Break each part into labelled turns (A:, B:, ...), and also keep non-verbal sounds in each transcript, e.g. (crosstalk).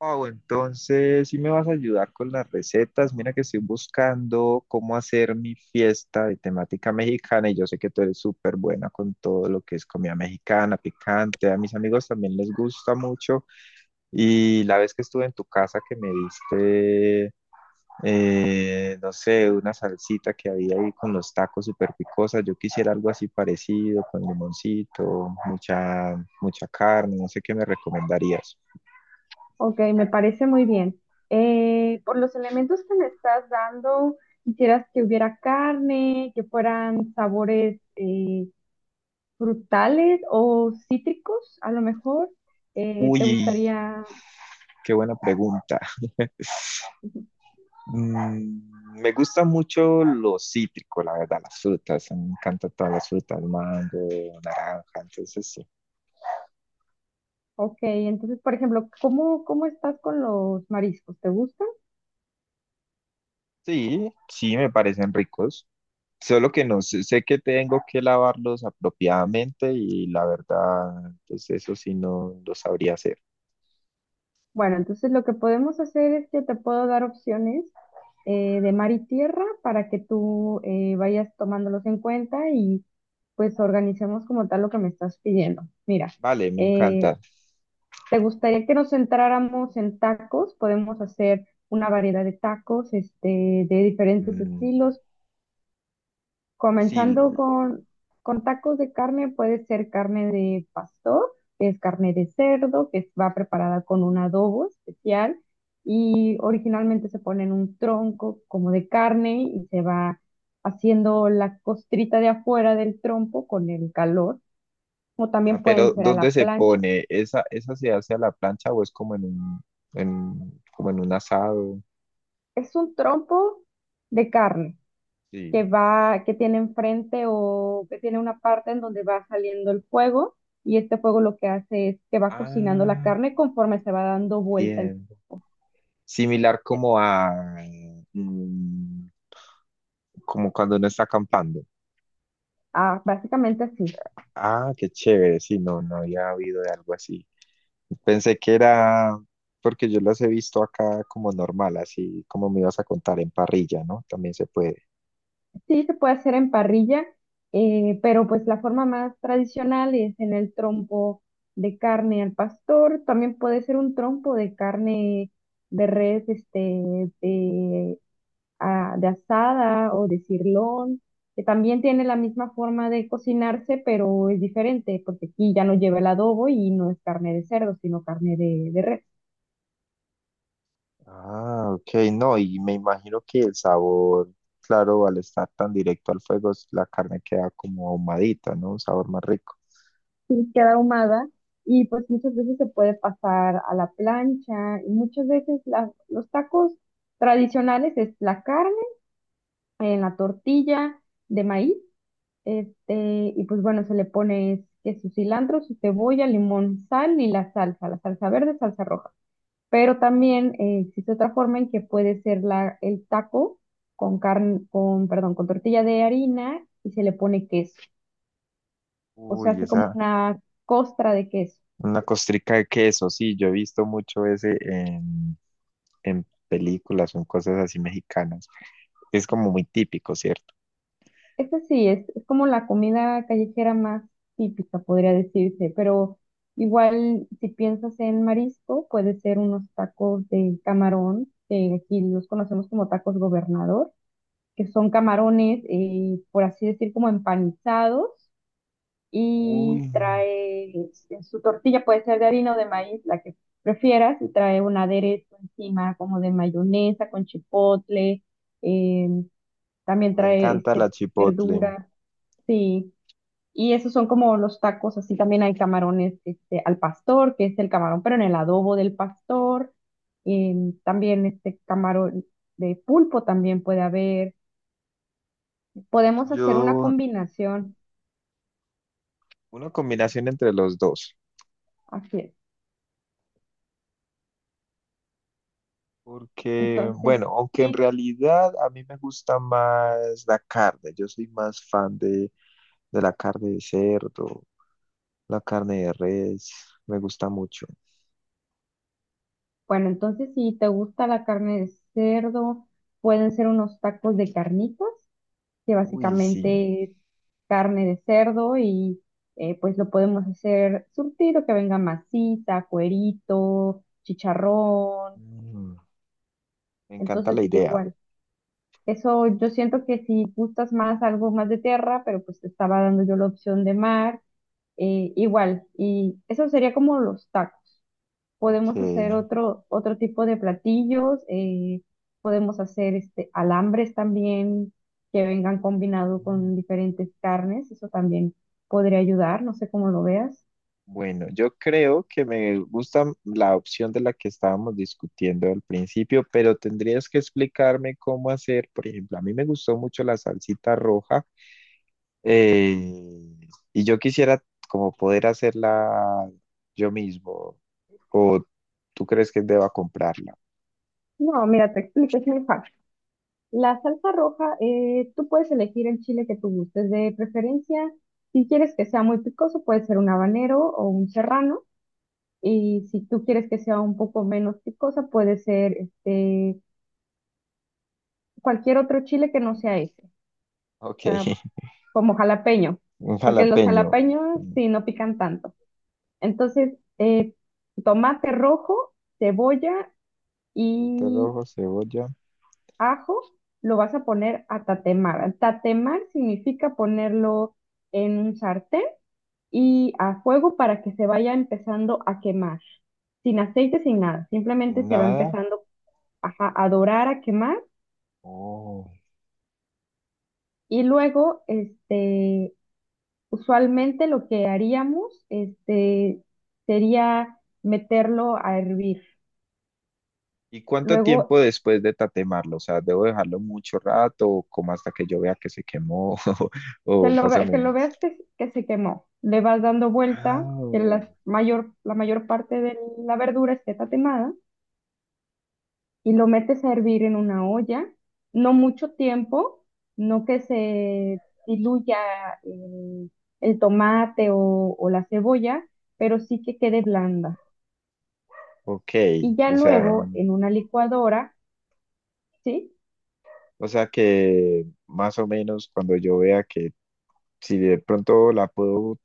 A: Wow, entonces si me vas a ayudar con las recetas. Mira que estoy buscando cómo hacer mi fiesta de temática mexicana y yo sé que tú eres súper buena con todo lo que es comida mexicana, picante. A mis amigos también les gusta mucho y la vez que estuve en tu casa que me diste, no sé, una salsita que había ahí con los tacos súper picosa. Yo quisiera algo así parecido, con limoncito, mucha carne, no sé qué me recomendarías.
B: Ok, me parece muy bien. Por los elementos que me estás dando, ¿quisieras que hubiera carne, que fueran sabores frutales o cítricos, a lo mejor?
A: Uy,
B: ¿Te gustaría?
A: qué buena pregunta. Mm, me gusta mucho lo cítrico, la verdad, las frutas. Me encantan todas las frutas, mango, naranja, entonces sí.
B: Ok, entonces, por ejemplo, cómo estás con los mariscos? ¿Te gustan?
A: Sí, sí, me parecen ricos. Solo que no sé, sé que tengo que lavarlos apropiadamente y la verdad, pues eso sí no lo sabría hacer.
B: Bueno, entonces lo que podemos hacer es que te puedo dar opciones de mar y tierra para que tú vayas tomándolos en cuenta y pues organicemos como tal lo que me estás pidiendo. Mira,
A: Vale, me
B: eh,
A: encanta.
B: ¿te gustaría que nos centráramos en tacos? Podemos hacer una variedad de tacos, este, de diferentes
A: Mm,
B: estilos.
A: sí.
B: Comenzando con tacos de carne, puede ser carne de pastor, que es carne de cerdo, que va preparada con un adobo especial y originalmente se pone en un tronco como de carne y se va haciendo la costrita de afuera del trompo con el calor, o
A: Ah,
B: también
A: pero
B: pueden ser a
A: ¿dónde
B: la
A: se
B: plancha.
A: pone? ¿Esa, esa se hace a la plancha o es como como en un asado?
B: Es un trompo de carne,
A: Sí.
B: que va, que tiene enfrente o que tiene una parte en donde va saliendo el fuego y este fuego lo que hace es que va cocinando la
A: Ah,
B: carne conforme se va dando vuelta el...
A: bien. Similar como a, mm, como cuando uno está acampando.
B: Ah, básicamente así.
A: Ah, qué chévere. Sí, no, no había habido de algo así. Pensé que era, porque yo las he visto acá como normal, así como me ibas a contar en parrilla, ¿no? También se puede.
B: Sí, se puede hacer en parrilla, pero pues la forma más tradicional es en el trompo de carne al pastor. También puede ser un trompo de carne de res, este, de ah, de asada o de sirloin, que también tiene la misma forma de cocinarse, pero es diferente, porque aquí ya no lleva el adobo y no es carne de cerdo, sino carne de res.
A: Ah, ok, no, y me imagino que el sabor, claro, al estar tan directo al fuego, la carne queda como ahumadita, ¿no? Un sabor más rico.
B: Y queda ahumada y pues muchas veces se puede pasar a la plancha y muchas veces los tacos tradicionales es la carne en la tortilla de maíz, este, y pues bueno, se le pone que su cilantro, su cebolla, limón, sal y la salsa verde, salsa roja. Pero también existe otra forma en que puede ser el taco con carne, con, perdón, con tortilla de harina y se le pone queso. O sea,
A: Uy,
B: hace como
A: esa,
B: una costra de queso.
A: una costrica de queso, sí, yo he visto mucho ese en películas o en cosas así mexicanas. Es como muy típico, ¿cierto?
B: Esta sí, es como la comida callejera más típica, podría decirse, pero igual si piensas en marisco, puede ser unos tacos de camarón, que aquí los conocemos como tacos gobernador, que son camarones, por así decir, como empanizados
A: Uy,
B: y trae en su tortilla, puede ser de harina o de maíz, la que prefieras, y trae un aderezo encima como de mayonesa con chipotle, eh, también
A: me
B: trae
A: encanta la
B: este,
A: chipotle.
B: verduras, sí. Y esos son como los tacos, así también hay camarones este, al pastor, que es el camarón, pero en el adobo del pastor. También este camarón de pulpo también puede haber. Podemos hacer una
A: Yo,
B: combinación,
A: una combinación entre los dos.
B: así es.
A: Porque,
B: Entonces,
A: bueno, aunque en
B: sí,
A: realidad a mí me gusta más la carne, yo soy más fan de la carne de cerdo, la carne de res, me gusta mucho.
B: bueno, entonces si te gusta la carne de cerdo, pueden ser unos tacos de carnitas, que
A: Uy, sí.
B: básicamente es carne de cerdo y pues lo podemos hacer surtido, que venga masita, cuerito, chicharrón.
A: Mm, me encanta
B: Entonces
A: la idea.
B: igual, eso yo siento que si gustas más algo más de tierra, pero pues te estaba dando yo la opción de mar, igual. Y eso sería como los tacos.
A: Ok.
B: Podemos hacer otro tipo de platillos, podemos hacer este, alambres también que vengan combinado
A: Mm.
B: con diferentes carnes, eso también podría ayudar, no sé cómo lo veas.
A: Bueno, yo creo que me gusta la opción de la que estábamos discutiendo al principio, pero tendrías que explicarme cómo hacer, por ejemplo, a mí me gustó mucho la salsita roja. Eh, y yo quisiera como poder hacerla yo mismo. ¿O tú crees que deba comprarla?
B: No, mira, te explico, es muy fácil. La salsa roja, tú puedes elegir el chile que tú gustes de preferencia. Si quieres que sea muy picoso, puede ser un habanero o un serrano. Y si tú quieres que sea un poco menos picosa, puede ser este, cualquier otro chile que no sea ese. O
A: Ok,
B: sea,
A: (laughs)
B: como jalapeño,
A: un
B: porque los
A: jalapeño,
B: jalapeños sí no pican tanto. Entonces, tomate rojo, cebolla
A: tomate
B: y
A: rojo, cebolla,
B: ajo lo vas a poner a tatemar. Tatemar significa ponerlo en un sartén y a fuego para que se vaya empezando a quemar, sin aceite, sin nada, simplemente se va
A: nada.
B: empezando, ajá, a dorar, a quemar.
A: Oh.
B: Y luego, este, usualmente lo que haríamos este, sería meterlo a hervir.
A: ¿Y cuánto
B: Luego
A: tiempo después de tatemarlo? O sea, ¿debo dejarlo mucho rato o como hasta que yo vea que se quemó (laughs)
B: que
A: o más o
B: que lo
A: menos?
B: veas que se quemó. Le vas dando vuelta,
A: Ah,
B: que la mayor parte de la verdura esté tatemada y lo metes a hervir en una olla. No mucho tiempo, no que se diluya el, el tomate o la cebolla, pero sí que quede blanda.
A: ok,
B: Y ya
A: o sea,
B: luego en una licuadora, ¿sí?
A: o sea que más o menos cuando yo vea que si de pronto la puedo,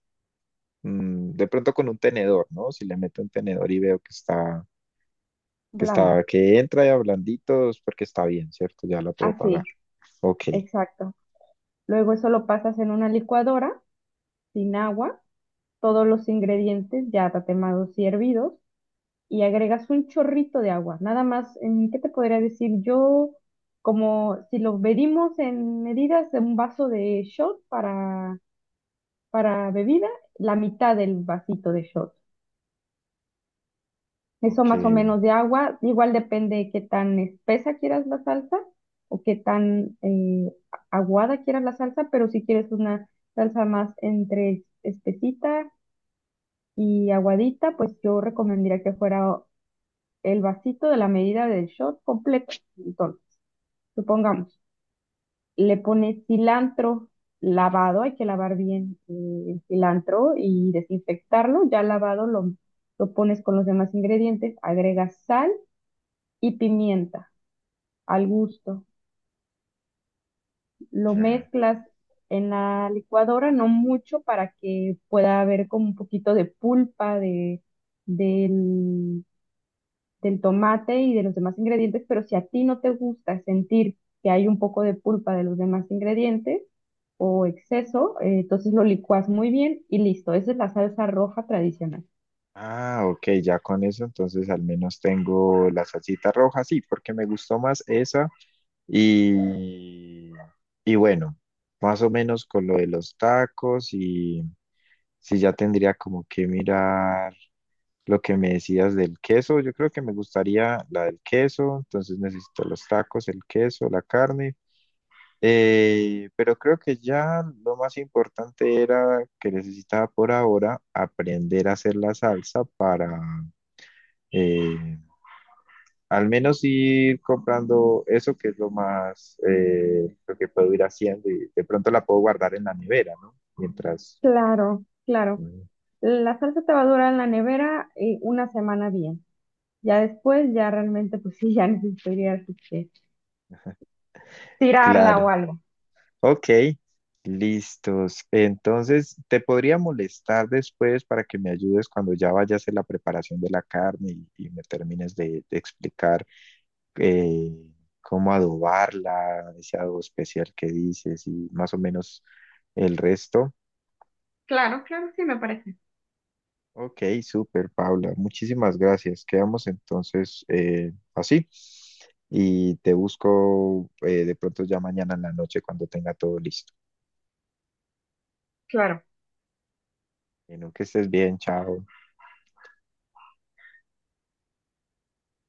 A: de pronto con un tenedor, ¿no? Si le meto un tenedor y veo que está, que
B: Blanda.
A: está, que entra ya blandito, es porque está bien, ¿cierto? Ya la puedo pagar.
B: Así,
A: Ok,
B: exacto. Luego eso lo pasas en una licuadora sin agua, todos los ingredientes ya tatemados y hervidos y agregas un chorrito de agua. Nada más, ¿en ¿qué te podría decir? Yo, como si lo medimos en medidas de un vaso de shot para bebida, la mitad del vasito de shot. Eso
A: ok,
B: más o menos de agua. Igual depende de qué tan espesa quieras la salsa o qué tan aguada quieras la salsa, pero si quieres una salsa más entre espesita y aguadita, pues yo recomendaría que fuera el vasito de la medida del shot completo. Entonces, supongamos, le pones cilantro lavado, hay que lavar bien el cilantro y desinfectarlo. Ya lavado lo pones con los demás ingredientes, agregas sal y pimienta al gusto. Lo
A: ya.
B: mezclas en la licuadora, no mucho, para que pueda haber como un poquito de pulpa de, del, del tomate y de los demás ingredientes, pero si a ti no te gusta sentir que hay un poco de pulpa de los demás ingredientes o exceso, entonces lo licuas muy bien y listo. Esa es la salsa roja tradicional.
A: Ah, ok, ya con eso, entonces al menos tengo la salsita roja, sí, porque me gustó más esa. Y, y bueno, más o menos con lo de los tacos y sí, ya tendría como que mirar. Lo que me decías del queso, yo creo que me gustaría la del queso, entonces necesito los tacos, el queso, la carne, pero creo que ya lo más importante era que necesitaba por ahora aprender a hacer la salsa para eh, al menos ir comprando eso que es lo más, lo que puedo ir haciendo y de pronto la puedo guardar en la nevera, ¿no? Mientras,
B: Claro, claro.
A: mm,
B: La salsa te va a durar en la nevera una semana bien. Ya después, ya realmente, pues sí, (laughs) ya necesitarías tirarla
A: claro.
B: o algo.
A: Ok, listos. Entonces, te podría molestar después para que me ayudes cuando ya vayas a hacer la preparación de la carne y me termines de explicar eh, cómo adobarla, ese adobo especial que dices y más o menos el resto.
B: Claro, claro, sí me parece.
A: Ok, súper, Paula. Muchísimas gracias. Quedamos entonces así y te busco de pronto ya mañana en la noche cuando tenga todo listo.
B: Claro.
A: Bueno, que estés bien, chao.